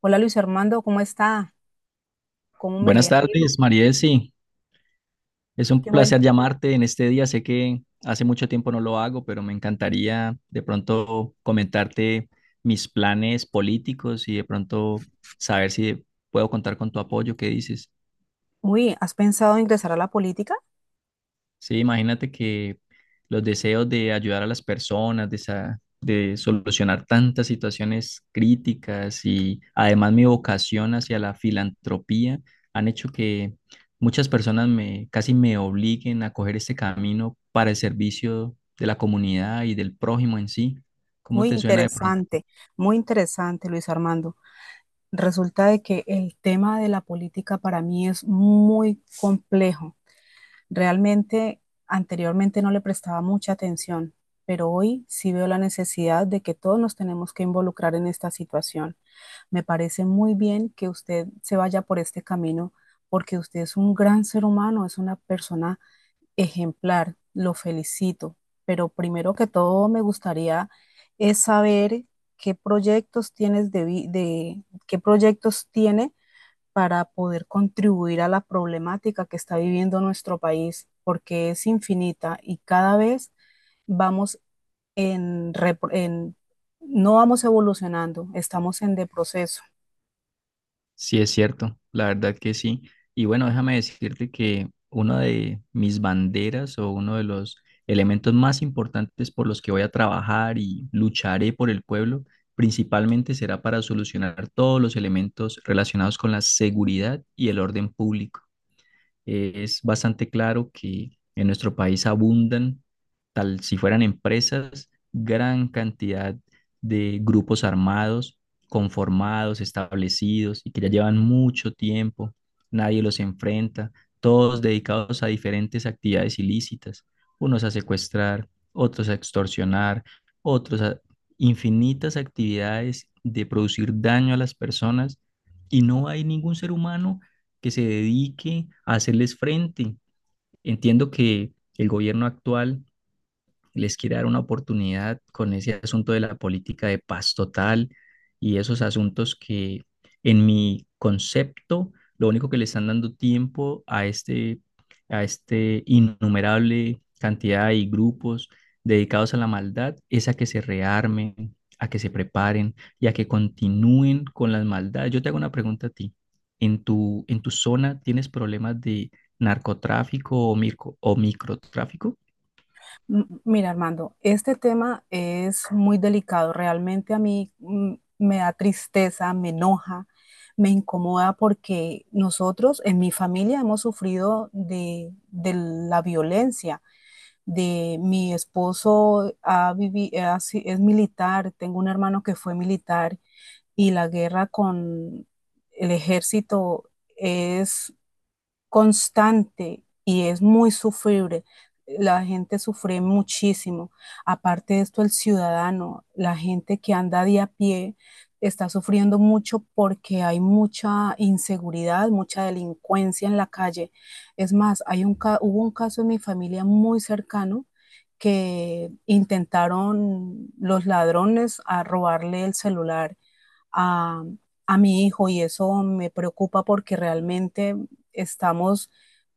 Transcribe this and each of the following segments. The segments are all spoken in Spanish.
Hola Luis Armando, ¿cómo está? ¿Cómo me le Buenas ha ido? tardes, Marielsi. Es un Qué bueno. placer llamarte en este día. Sé que hace mucho tiempo no lo hago, pero me encantaría de pronto comentarte mis planes políticos y de pronto saber si puedo contar con tu apoyo. ¿Qué dices? Uy, ¿has pensado ingresar a la política? Sí, imagínate que los deseos de ayudar a las personas, de solucionar tantas situaciones críticas y además mi vocación hacia la filantropía han hecho que muchas personas me casi me obliguen a coger este camino para el servicio de la comunidad y del prójimo en sí. ¿Cómo Muy te suena de pronto? interesante, muy interesante Luis Armando. Resulta de que el tema de la política para mí es muy complejo. Realmente anteriormente no le prestaba mucha atención, pero hoy sí veo la necesidad de que todos nos tenemos que involucrar en esta situación. Me parece muy bien que usted se vaya por este camino porque usted es un gran ser humano, es una persona ejemplar, lo felicito, pero primero que todo me gustaría es saber qué proyectos tiene para poder contribuir a la problemática que está viviendo nuestro país, porque es infinita y cada vez vamos en, repro- en- no vamos evolucionando, estamos en de proceso. Sí, es cierto, la verdad que sí. Y bueno, déjame decirte que una de mis banderas o uno de los elementos más importantes por los que voy a trabajar y lucharé por el pueblo, principalmente será para solucionar todos los elementos relacionados con la seguridad y el orden público. Es bastante claro que en nuestro país abundan, tal si fueran empresas, gran cantidad de grupos armados, conformados, establecidos y que ya llevan mucho tiempo, nadie los enfrenta, todos dedicados a diferentes actividades ilícitas, unos a secuestrar, otros a extorsionar, otros a infinitas actividades de producir daño a las personas y no hay ningún ser humano que se dedique a hacerles frente. Entiendo que el gobierno actual les quiere dar una oportunidad con ese asunto de la política de paz total y esos asuntos que en mi concepto lo único que le están dando tiempo a este innumerable cantidad y grupos dedicados a la maldad es a que se rearmen, a que se preparen y a que continúen con las maldades. Yo te hago una pregunta a ti. ¿En tu zona tienes problemas de narcotráfico o microtráfico? Mira, Armando, este tema es muy delicado. Realmente a mí me da tristeza, me enoja, me incomoda porque nosotros en mi familia hemos sufrido de la violencia. De mi esposo ha vivi- ha si- es militar, tengo un hermano que fue militar y la guerra con el ejército es constante y es muy sufrible. La gente sufre muchísimo. Aparte de esto, el ciudadano, la gente que anda de a pie, está sufriendo mucho porque hay mucha inseguridad, mucha delincuencia en la calle. Es más, hubo un caso en mi familia muy cercano que intentaron los ladrones a robarle el celular a, a mi hijo y eso me preocupa porque realmente estamos,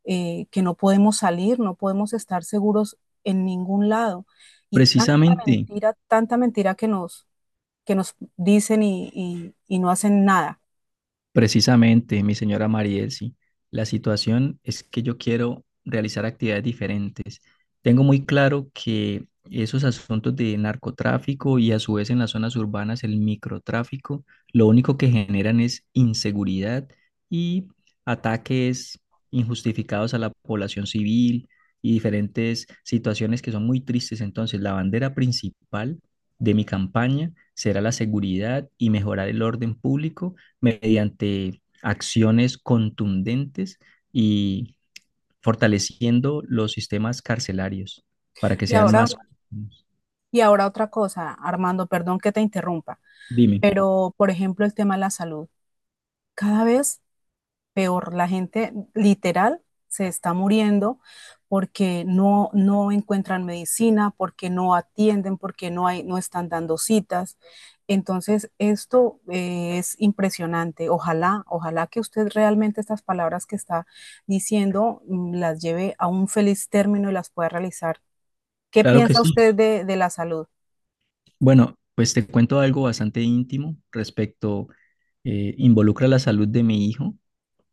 que no podemos salir, no podemos estar seguros en ningún lado. Y Precisamente, tanta mentira que nos dicen y no hacen nada. Precisamente, mi señora Mariel, sí. La situación es que yo quiero realizar actividades diferentes. Tengo muy claro que esos asuntos de narcotráfico y a su vez en las zonas urbanas el microtráfico, lo único que generan es inseguridad y ataques injustificados a la población civil y diferentes situaciones que son muy tristes. Entonces, la bandera principal de mi campaña será la seguridad y mejorar el orden público mediante acciones contundentes y fortaleciendo los sistemas carcelarios para que Y sean ahora, más... y ahora otra cosa, Armando, perdón que te interrumpa, Dime, pero por ejemplo el tema de la salud. Cada vez peor, la gente literal se está muriendo porque no encuentran medicina, porque no atienden, porque no están dando citas. Entonces, esto es impresionante. Ojalá, ojalá que usted realmente estas palabras que está diciendo las lleve a un feliz término y las pueda realizar. ¿Qué claro que piensa sí. usted de la salud? Bueno, pues te cuento algo bastante íntimo respecto, involucra la salud de mi hijo.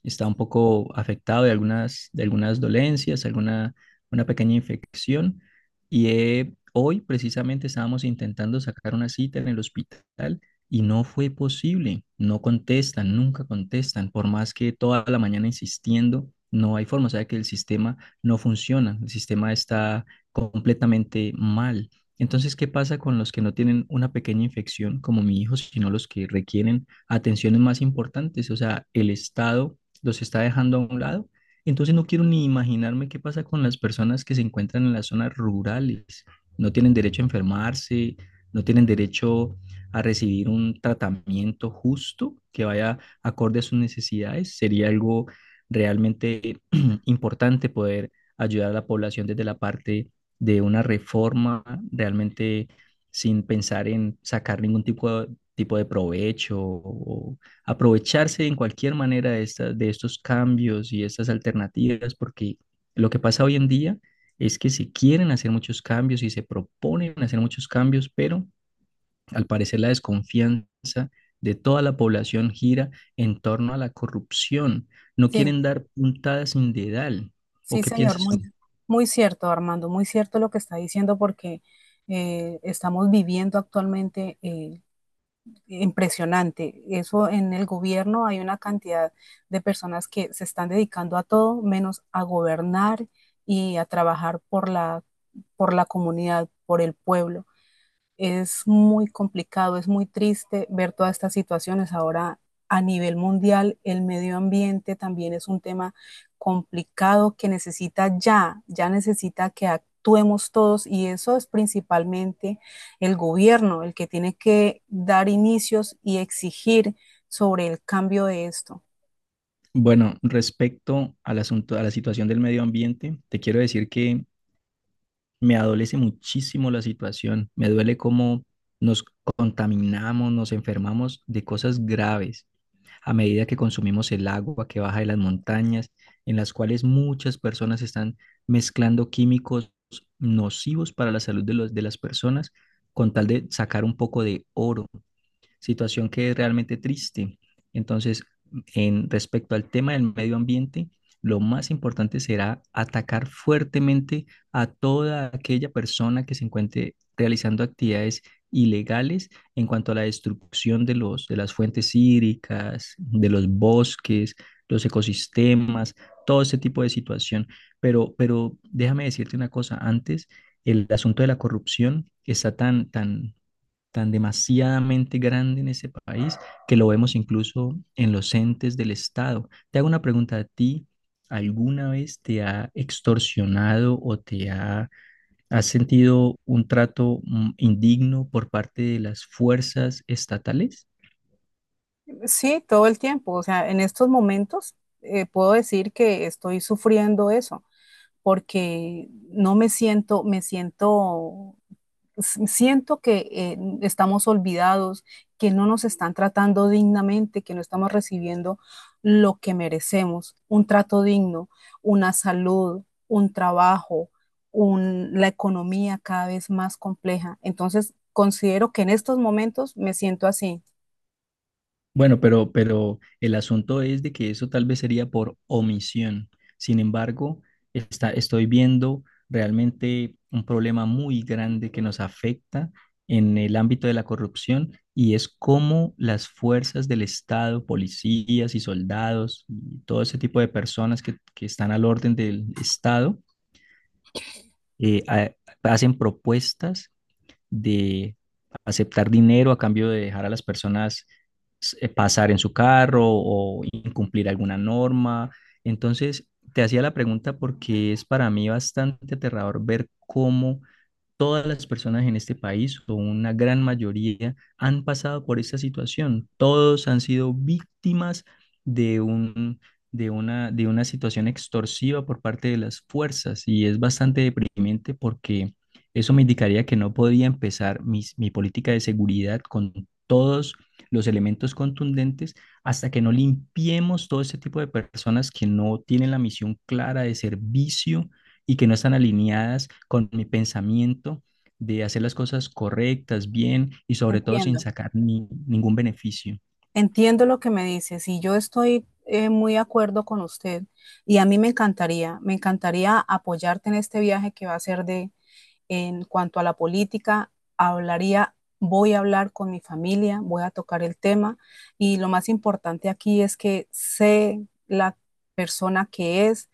Está un poco afectado de de algunas dolencias, alguna una pequeña infección. Y hoy precisamente estábamos intentando sacar una cita en el hospital y no fue posible. No contestan, nunca contestan, por más que toda la mañana insistiendo. No hay forma, o sea que el sistema no funciona, el sistema está completamente mal. Entonces, ¿qué pasa con los que no tienen una pequeña infección como mi hijo, sino los que requieren atenciones más importantes? O sea, el Estado los está dejando a un lado. Entonces no quiero ni imaginarme qué pasa con las personas que se encuentran en las zonas rurales. No tienen derecho a enfermarse, no tienen derecho a recibir un tratamiento justo que vaya acorde a sus necesidades. Sería algo realmente importante poder ayudar a la población desde la parte de una reforma realmente sin pensar en sacar ningún tipo de provecho o aprovecharse en cualquier manera de, de estos cambios y estas alternativas, porque lo que pasa hoy en día es que se quieren hacer muchos cambios y se proponen hacer muchos cambios, pero al parecer la desconfianza de toda la población gira en torno a la corrupción. No Sí. quieren dar puntadas sin dedal. ¿O Sí, qué señor, piensas tú? muy, muy cierto, Armando, muy cierto lo que está diciendo porque estamos viviendo actualmente impresionante. Eso en el gobierno hay una cantidad de personas que se están dedicando a todo menos a gobernar y a trabajar por la comunidad, por el pueblo. Es muy complicado, es muy triste ver todas estas situaciones. Ahora a nivel mundial, el medio ambiente también es un tema complicado que necesita ya, ya necesita que actuemos todos y eso es principalmente el gobierno, el que tiene que dar inicios y exigir sobre el cambio de esto. Bueno, respecto al asunto, a la situación del medio ambiente, te quiero decir que me adolece muchísimo la situación. Me duele cómo nos contaminamos, nos enfermamos de cosas graves a medida que consumimos el agua que baja de las montañas, en las cuales muchas personas están mezclando químicos nocivos para la salud de de las personas con tal de sacar un poco de oro, situación que es realmente triste. Entonces, en respecto al tema del medio ambiente, lo más importante será atacar fuertemente a toda aquella persona que se encuentre realizando actividades ilegales en cuanto a la destrucción de los de las fuentes hídricas, de los bosques, los ecosistemas, todo ese tipo de situación. Pero déjame decirte una cosa antes, el asunto de la corrupción está tan demasiadamente grande en ese país que lo vemos incluso en los entes del Estado. Te hago una pregunta a ti. ¿Alguna vez te ha extorsionado o te ha, has sentido un trato indigno por parte de las fuerzas estatales? Sí, todo el tiempo, o sea, en estos momentos puedo decir que estoy sufriendo eso. Porque no me siento, me siento, siento que estamos olvidados, que no nos están tratando dignamente, que no estamos recibiendo lo que merecemos, un trato digno, una salud, un trabajo, la economía cada vez más compleja. Entonces, considero que en estos momentos me siento así. Bueno, pero el asunto es de que eso tal vez sería por omisión. Sin embargo, estoy viendo realmente un problema muy grande que nos afecta en el ámbito de la corrupción y es cómo las fuerzas del Estado, policías y soldados y todo ese tipo de personas que están al orden del Estado, eh, ha- hacen propuestas de aceptar dinero a cambio de dejar a las personas pasar en su carro o incumplir alguna norma. Entonces, te hacía la pregunta porque es para mí bastante aterrador ver cómo todas las personas en este país, o una gran mayoría, han pasado por esta situación. Todos han sido víctimas de un, de una situación extorsiva por parte de las fuerzas y es bastante deprimente porque eso me indicaría que no podía empezar mi política de seguridad con todos los elementos contundentes hasta que no limpiemos todo este tipo de personas que no tienen la misión clara de servicio y que no están alineadas con mi pensamiento de hacer las cosas correctas, bien y sobre todo sin Entiendo. sacar ningún beneficio. Entiendo lo que me dices y yo estoy muy de acuerdo con usted y a mí me encantaría apoyarte en este viaje que va a ser de, en cuanto a la política, hablaría, voy a hablar con mi familia, voy a tocar el tema y lo más importante aquí es que sé la persona que es,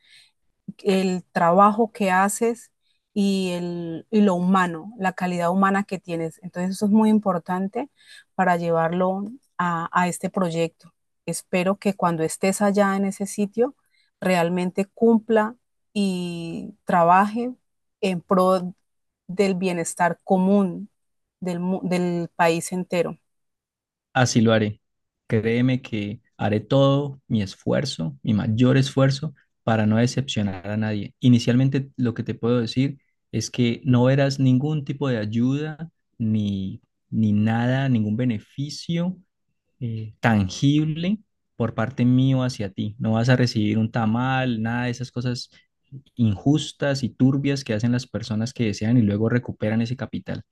el trabajo que haces y lo humano, la calidad humana que tienes. Entonces eso es muy importante para llevarlo a este proyecto. Espero que cuando estés allá en ese sitio realmente cumpla y trabaje en pro del bienestar común del, del país entero. Así lo haré. Créeme que haré todo mi esfuerzo, mi mayor esfuerzo para no decepcionar a nadie. Inicialmente lo que te puedo decir es que no verás ningún tipo de ayuda ni, ni nada, ningún beneficio tangible por parte mío hacia ti. No vas a recibir un tamal, nada de esas cosas injustas y turbias que hacen las personas que desean y luego recuperan ese capital.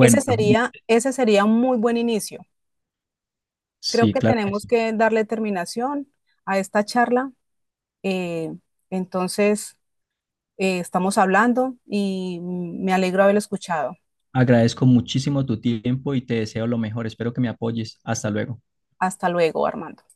Ese sería un muy buen inicio. Creo sí, que claro que tenemos sí. que darle terminación a esta charla. Eh, entonces, estamos hablando y me alegro haberlo escuchado. Agradezco muchísimo tu tiempo y te deseo lo mejor. Espero que me apoyes. Hasta luego. Hasta luego, Armando.